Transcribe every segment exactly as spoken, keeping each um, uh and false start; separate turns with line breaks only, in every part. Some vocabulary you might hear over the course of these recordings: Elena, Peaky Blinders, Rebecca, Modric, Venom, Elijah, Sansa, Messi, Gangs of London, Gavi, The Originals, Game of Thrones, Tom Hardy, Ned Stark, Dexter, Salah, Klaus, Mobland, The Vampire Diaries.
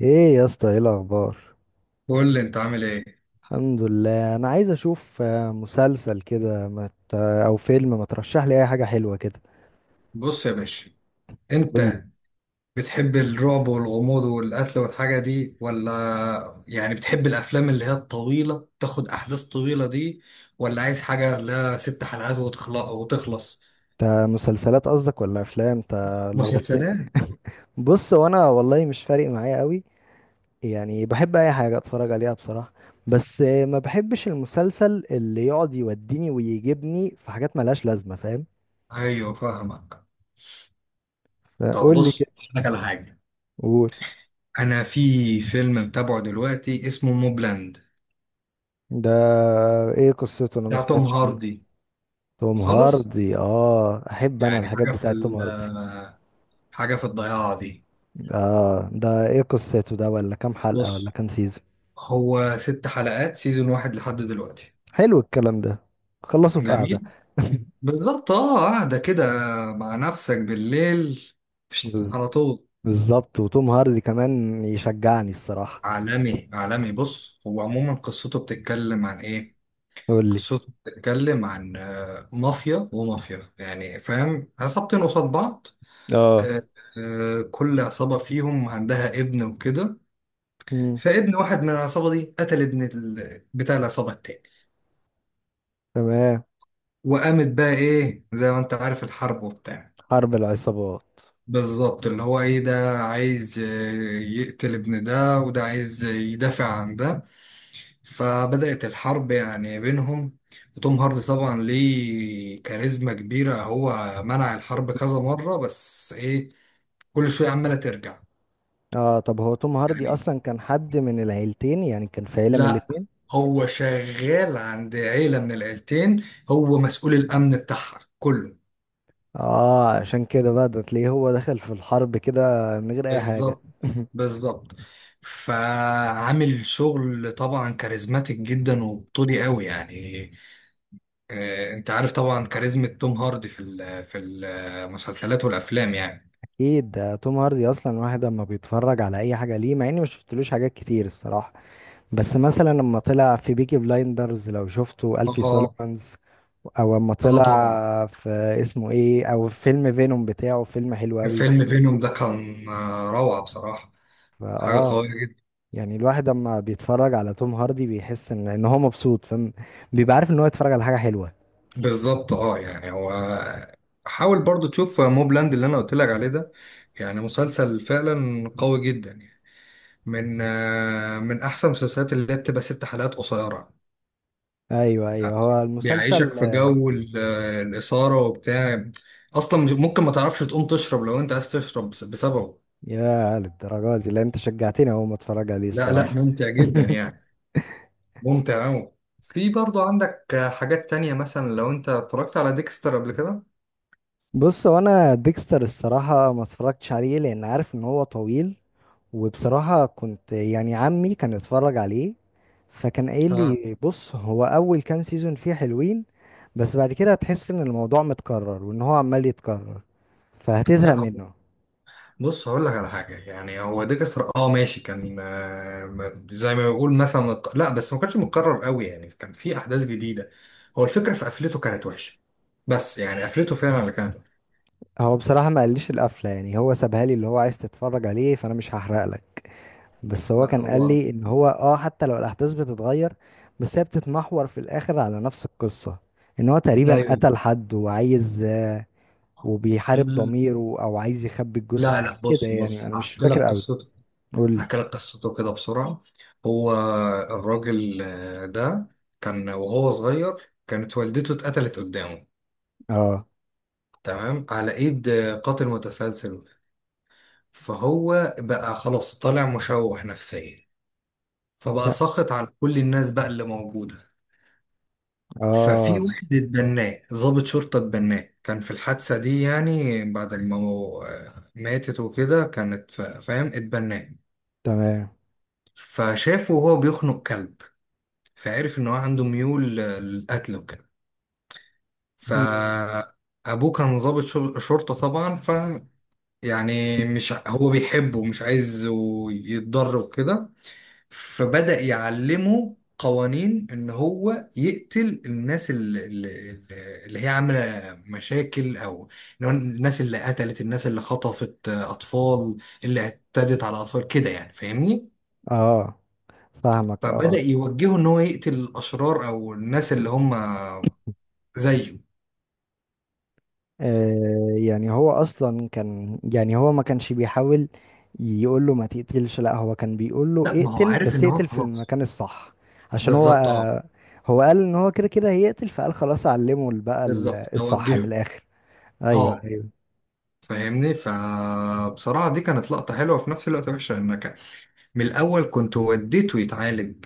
ايه يا اسطى، ايه الاخبار؟
قول لي انت عامل ايه.
الحمد لله. انا عايز اشوف آه، مسلسل كده، ما ت- او فيلم. ما ترشح لي اي حاجه حلوه كده.
بص يا باشا،
قول لي
انت بتحب الرعب والغموض والقتل والحاجه دي ولا يعني بتحب الافلام اللي هي الطويله تاخد احداث طويله دي، ولا عايز حاجه لها ست حلقات وتخلص وتخلص؟
انت، مسلسلات قصدك ولا افلام؟ انت لخبطتني.
مسلسلات.
بص، وانا والله مش فارق معايا قوي. يعني بحب اي حاجه اتفرج عليها بصراحه. بس آه، ما بحبش المسلسل اللي يقعد يوديني ويجيبني في حاجات ملهاش لازمه، فاهم.
ايوه فاهمك. طب
قول لي
بص
كده،
اقول لك على حاجه.
قول.
انا في فيلم متابعه دلوقتي اسمه موبلاند،
ده ايه قصته؟ انا ما
بتاع توم
سمعتش عنه.
هاردي
توم
خالص.
هاردي، اه، احب انا
يعني
الحاجات
حاجه في
بتاعت توم
ال-
هاردي.
حاجه في الضياع دي.
اه، ده ايه قصته ده؟ ولا كام حلقة؟ ولا
بص،
كام سيزون؟
هو ست حلقات سيزون واحد لحد دلوقتي.
حلو الكلام ده. خلصوا في قعدة.
جميل. بالظبط، اه، قاعدة كده مع نفسك بالليل فشت،
بز-
على طول.
بالظبط. وتوم هاردي كمان يشجعني الصراحة.
عالمي عالمي. بص، هو عموما قصته بتتكلم عن ايه؟
يقول لي.
قصته بتتكلم عن آه، مافيا ومافيا يعني فاهم، عصابتين قصاد بعض.
اه.
آه، آه، كل عصابة فيهم عندها ابن وكده.
مم.
فابن واحد من العصابة دي قتل ابن ال- بتاع العصابة التاني.
تمام.
وقامت بقى ايه زي ما انت عارف، الحرب وبتاع.
حرب العصابات.
بالظبط، اللي هو ايه، ده عايز ي- يقتل ابن ده، وده عايز يدافع عن ده. فبدأت الحرب يعني بينهم. وتوم هاردي طبعا ليه كاريزما كبيرة، هو منع الحرب كذا مرة، بس ايه، كل شوية عمالة ترجع
اه، طب هو توم هاردي
يعني.
اصلا كان حد من العيلتين؟ يعني كان في عيلة من
لا،
الاتنين؟
هو شغال عند عيلة من العيلتين، هو مسؤول الأمن بتاعها كله.
اه، عشان كده بقى ده تلاقيه هو دخل في الحرب كده من غير اي حاجة.
بالظبط. بالظبط. فعامل شغل طبعا كاريزماتيك جدا وبطولي قوي يعني. آه، انت عارف طبعا كاريزما توم هاردي في ال- في المسلسلات والافلام يعني.
اكيد، ده توم هاردي اصلا واحد اما بيتفرج على اي حاجه ليه، مع اني ما شفتلوش حاجات كتير الصراحه. بس مثلا لما طلع في بيكي بلايندرز، لو شفته الفي
اه.
سوليفانز، او اما
اه طبعا.
طلع في اسمه ايه، او في فيلم فينوم بتاعه، فيلم حلو قوي.
فيلم فينوم ده كان آه، روعة بصراحة. حاجة
فاه.
قوية جدا.
يعني الواحد اما بيتفرج على توم هاردي بيحس ان ان هو مبسوط، فاهم. بيبقى عارف ان هو يتفرج على حاجه حلوه.
بالظبط، اه يعني هو، حاول برضو تشوف موبلاند اللي انا قلت لك عليه ده. يعني مسلسل فعلا قوي جدا يعني. من آه، من احسن المسلسلات اللي هي بتبقى ست حلقات قصيرة.
ايوه، ايوه، هو المسلسل.
بيعيشك في جو ال- الإثارة وبتاع. أصلا مش- ممكن ما تعرفش تقوم تشرب لو أنت عايز تشرب بس- بسببه.
يا للدرجه دي؟ لا، انت شجعتني اهو، ما اتفرج عليه
لا لا،
الصراحه.
مم. ممتع جدا يعني. ممتع أوي. في برضو عندك حاجات تانية، مثلا لو أنت اتفرجت على ديكستر قبل كده.
بص، هو انا ديكستر الصراحة ما اتفرجتش عليه لان عارف ان هو طويل. وبصراحة كنت يعني عمي كان اتفرج عليه، فكان قايل
آه.
لي بص، هو اول كام سيزون فيه حلوين، بس بعد كده هتحس ان الموضوع متكرر وان هو عمال يتكرر،
لا
فهتزهق
هو-
منه.
بص هقول لك على حاجة. يعني هو ديكستر، اه، ماشي، كان آه، زي ما بيقول مثلا متق- لا بس ما كانش متكرر قوي يعني، كان في أحداث جديدة. هو الفكرة في قفلته كانت وحشة. بس يعني قفلته فعلا اللي كانت.
هو بصراحة ما قاليش القفلة، يعني هو سابها لي اللي هو عايز تتفرج عليه، فانا مش هحرق لك. بس هو
لا
كان قال
هو
لي ان هو، اه، حتى لو الاحداث بتتغير، بس هي بتتمحور في الاخر على نفس القصة. ان هو تقريبا
ايوه.
قتل حد وعايز، آه، وبيحارب
مم.
ضميره، او عايز يخبي الجثة،
لا
حاجة
لا،
كده
بص
يعني،
بص
انا
احكي
مش
لك
فاكر قوي.
قصته.
قول لي.
احكي لك قصته كده بسرعة. هو الراجل آه، ده، كان وهو صغير كانت والدته اتقتلت قدامه.
اه.
تمام. على ايد آه، قاتل متسلسل وكده. فهو بقى خلاص طالع مشوه نفسيا، فبقى
ت-
ساخط على كل الناس بقى اللي موجودة. ففي
اه.
واحد اتبناه، ضابط شرطة اتبناه، كان في الحادثة دي يعني بعد ما مو- آه، ماتت وكده كانت فا- فاهم، اتبناه.
تمام.
فشافه وهو بيخنق كلب، فعرف ان هو عنده ميول للقتل وكده.
مم.
فابوه كان ضابط شر- شرطة طبعا، ف يعني مش ع- هو بيحبه ومش عايز يتضر وكده. فبدأ يعلمه قوانين ان هو يقتل الناس اللي, اللي اللي هي عاملة مشاكل، او إن هو الناس اللي قتلت، الناس اللي خطفت اطفال، اللي اعتدت على اطفال كده يعني فاهمني.
اه، فاهمك. اه.
فبدأ يوجهه ان هو يقتل الاشرار، او الناس اللي هم زيه.
آه، يعني هو اصلا كان، يعني هو ما كانش بيحاول يقول له ما تقتلش، لا، هو كان بيقول له
لا، ما هو
اقتل،
عارف
بس
ان هو
اقتل في
خلاص.
المكان الصح. عشان هو،
بالظبط اه.
آه، هو قال ان هو كده كده هيقتل، فقال خلاص اعلمه بقى ال-
بالظبط،
الصح من
هوجهه.
الاخر. ايوه،
اه
ايوه،
فاهمني. فبصراحة دي كانت لقطة حلوة في نفس الوقت وحشة، انك من الاول كنت وديته يتعالج.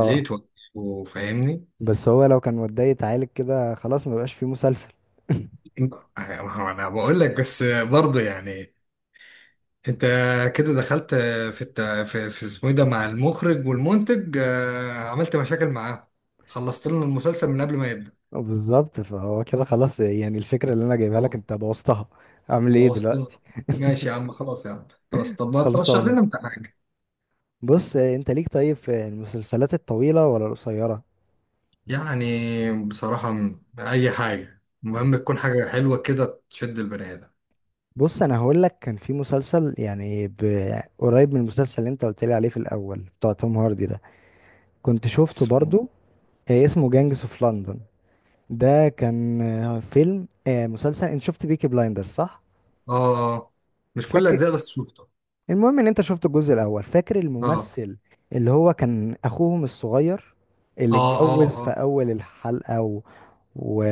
ليه توجهه، فاهمني.
بس هو لو كان وداه يتعالج كده، خلاص، ما بقاش فيه مسلسل.
ما هو انا بقول لك بس. برضه يعني، انت كده دخلت في الت... في, في اسمه ايه ده، مع المخرج والمنتج آه، عملت مشاكل معاه، خلصت لنا المسلسل من قبل ما يبدأ.
بالظبط. فهو كده خلاص، يعني الفكرة اللي انا جايبها لك انت بوظتها، اعمل ايه
بوظت لنا.
دلوقتي؟
ماشي يا عم، خلاص يا عم، خلاص. طب ما ترشح
خلصانة.
لنا انت حاجة.
بص، آه، انت ليك طيب في المسلسلات الطويلة ولا القصيرة؟
يعني بصراحة م- أي حاجة المهم تكون حاجة حلوة كده تشد البني آدم.
بص، انا هقول لك، كان في مسلسل يعني ب- قريب من المسلسل اللي انت قلت لي عليه في الاول بتاع توم هاردي ده، كنت شفته
اسمه
برضو. آه، اسمه جانجس اوف لندن. ده كان، آه، فيلم، آه، مسلسل. انت شفت بيكي بلايندر صح؟
آه. مش كل
فاكر.
أجزاء، بس شفته.
المهم ان انت شفت الجزء الاول، فاكر
آه
الممثل اللي هو كان اخوهم الصغير اللي
آه
اتجوز
آه.
في
آه.
اول الحلقة و... و...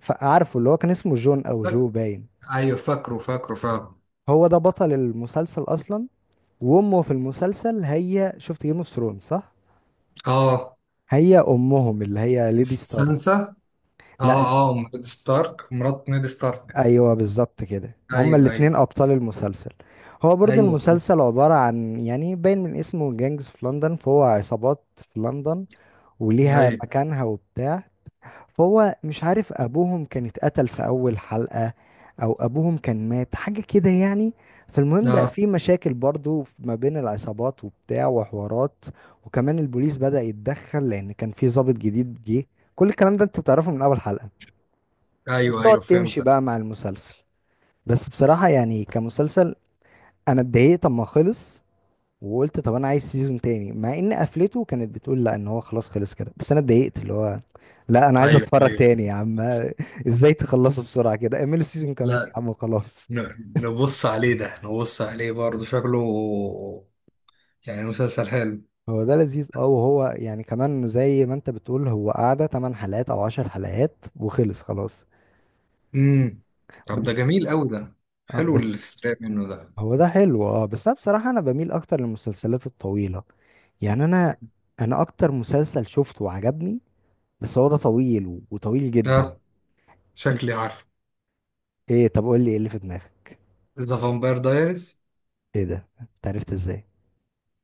فعارفه اللي هو كان اسمه جون او جو
فك...
باين.
أيوه فاكره فاكره فاكره.
هو ده بطل المسلسل اصلا. وامه في المسلسل، هي شفت جيم اوف ثرونز صح؟
آه.
هي امهم اللي هي ليدي ستارك.
سانسا. آه
لا،
آه، نيد ستارك، مرات نيد ستارك.
ايوه بالظبط كده، هما
أيوه
الاتنين
أيوه.
ابطال المسلسل. هو برضو
أيوه
المسلسل عبارة عن، يعني باين من اسمه جانجز في لندن، فهو عصابات في لندن وليها
أيوه.
مكانها وبتاع. فهو مش عارف ابوهم كان اتقتل في اول حلقة، او ابوهم كان مات، حاجة كده يعني. فالمهم بقى
آه.
في مشاكل برضو ما بين العصابات وبتاع وحوارات، وكمان البوليس بدأ يتدخل لان كان في ضابط جديد جه، كل الكلام ده انت بتعرفه من اول حلقة،
أيوه
وبتقعد
أيوه
تمشي
فهمتك.
بقى مع المسلسل. بس بصراحة يعني كمسلسل، انا اتضايقت اما خلص، وقلت طب انا عايز سيزون تاني، مع ان قفلته كانت بتقول لا ان هو خلاص خلص كده، بس انا اتضايقت اللي هو، لا انا عايز
أيوه
اتفرج
أيوه.
تاني يا عم. ازاي تخلصه بسرعه كده؟ اعملوا سيزون كمان يا
لا،
عم وخلاص.
ن- نبص عليه ده، نبص عليه برضه، شكله يعني مسلسل حلو.
هو ده لذيذ اه، وهو يعني كمان زي ما انت بتقول، هو قعدة 8 حلقات او 10 حلقات وخلص خلاص.
امم. طب ده
بس
جميل قوي ده.
اه،
حلو اللي في
بس
السريع منه ده.
هو ده حلو اه، بس انا بصراحه انا بميل اكتر للمسلسلات الطويله. يعني انا انا اكتر مسلسل شفته وعجبني، بس هو ده طويل وطويل جدا.
ده شكلي عارفه.
ايه؟ طب قول لي، ايه اللي في دماغك؟
ذا فامباير دايرز.
ايه ده؟ انت عرفت ازاي؟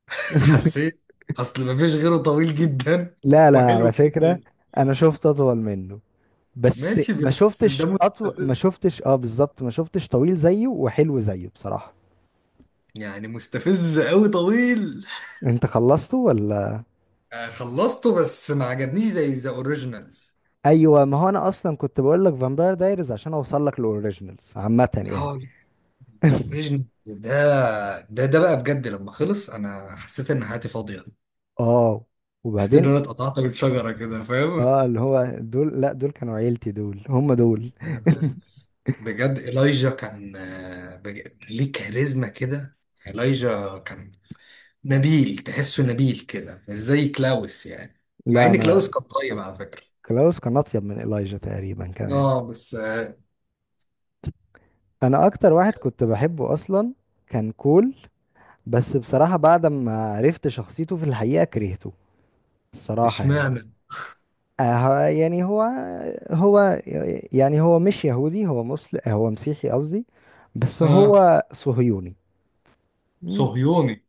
حسيت. اصل مفيش غيره طويل جدا
لا، لا
وحلو
على فكرة،
جدا.
انا شفت اطول منه. بس
ماشي
ما
بس ده
شفتش اطول، ما
مستفز،
شفتش، اه، بالظبط، ما شفتش طويل زيه وحلو زيه بصراحة.
يعني مستفز قوي، طويل.
انت خلصته ولا؟
آه، خلصته، بس ما عجبنيش زي ذا اوريجينالز.
ايوه، ما هو انا اصلا كنت بقول لك فامباير دايريز عشان اوصل لك الاوريجينالز عامة يعني.
اه. الاوريجينالز ده، ده ده بقى بجد لما خلص انا حسيت ان حياتي فاضيه.
اه،
حسيت ان
وبعدين؟
انا اتقطعت من شجره كده فاهم.
اه، اللي هو دول، لا دول كانوا عيلتي، دول هم دول.
بجد إيلايجا كان آه، بج... ليه كاريزما كده. إيلايجا كان نبيل، تحسه نبيل كده، مش زي كلاوس يعني. مع
لا،
ان
انا
كلاوس كان طيب على فكرة.
كلاوس كان اطيب من إلايجا تقريبا كمان.
اه بس آه،
انا اكتر واحد كنت بحبه اصلا، كان كول. بس بصراحة بعد ما عرفت شخصيته في الحقيقة كرهته الصراحة يعني.
اشمعنى.
آه، هو- يعني هو، هو يعني هو مش يهودي، هو مسلم، هو مسيحي قصدي، بس
اه.
هو صهيوني. مم.
صهيوني.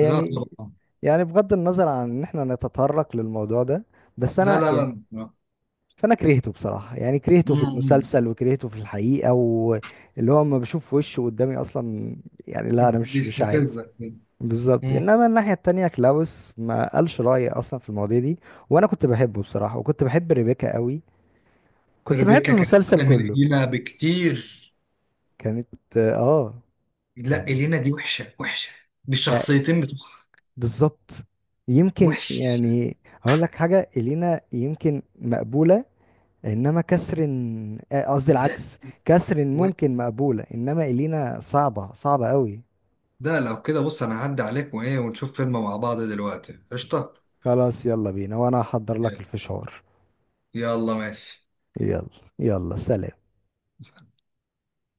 لا طبعا.
يعني بغض النظر عن ان احنا نتطرق للموضوع ده، بس
لا
انا
لا
يعني،
لا لا.
فانا كرهته بصراحة، يعني كرهته في
امم.
المسلسل وكرهته في الحقيقة، واللي هو لما بشوف وشه قدامي اصلا، يعني لا، انا مش مش عايز.
بيستفزك.
بالظبط،
امم.
انما الناحيه التانية كلاوس ما قالش رايه اصلا في المواضيع دي. وانا كنت بحبه بصراحه، وكنت بحب ريبيكا قوي، كنت بحب
ريبيكا كانت
المسلسل
احلى من
كله.
إلينا بكتير.
كانت، اه
لا،
كان،
إلينا دي وحشة وحشة
آه،
بالشخصيتين بتوعها.
بالظبط، يمكن
وحش.
يعني، هقول لك حاجه، الينا يمكن مقبوله، انما كسرين، آه، قصدي
لا.
العكس، كسرين
و-
ممكن مقبوله، انما الينا صعبه صعبه قوي.
ده لو كده، بص انا هعدي عليك وايه، ونشوف فيلم مع بعض دلوقتي قشطة.
خلاص يلا بينا، وانا هحضر لك
يلا.
الفشار.
يلا ماشي.
يلا، يلا، سلام.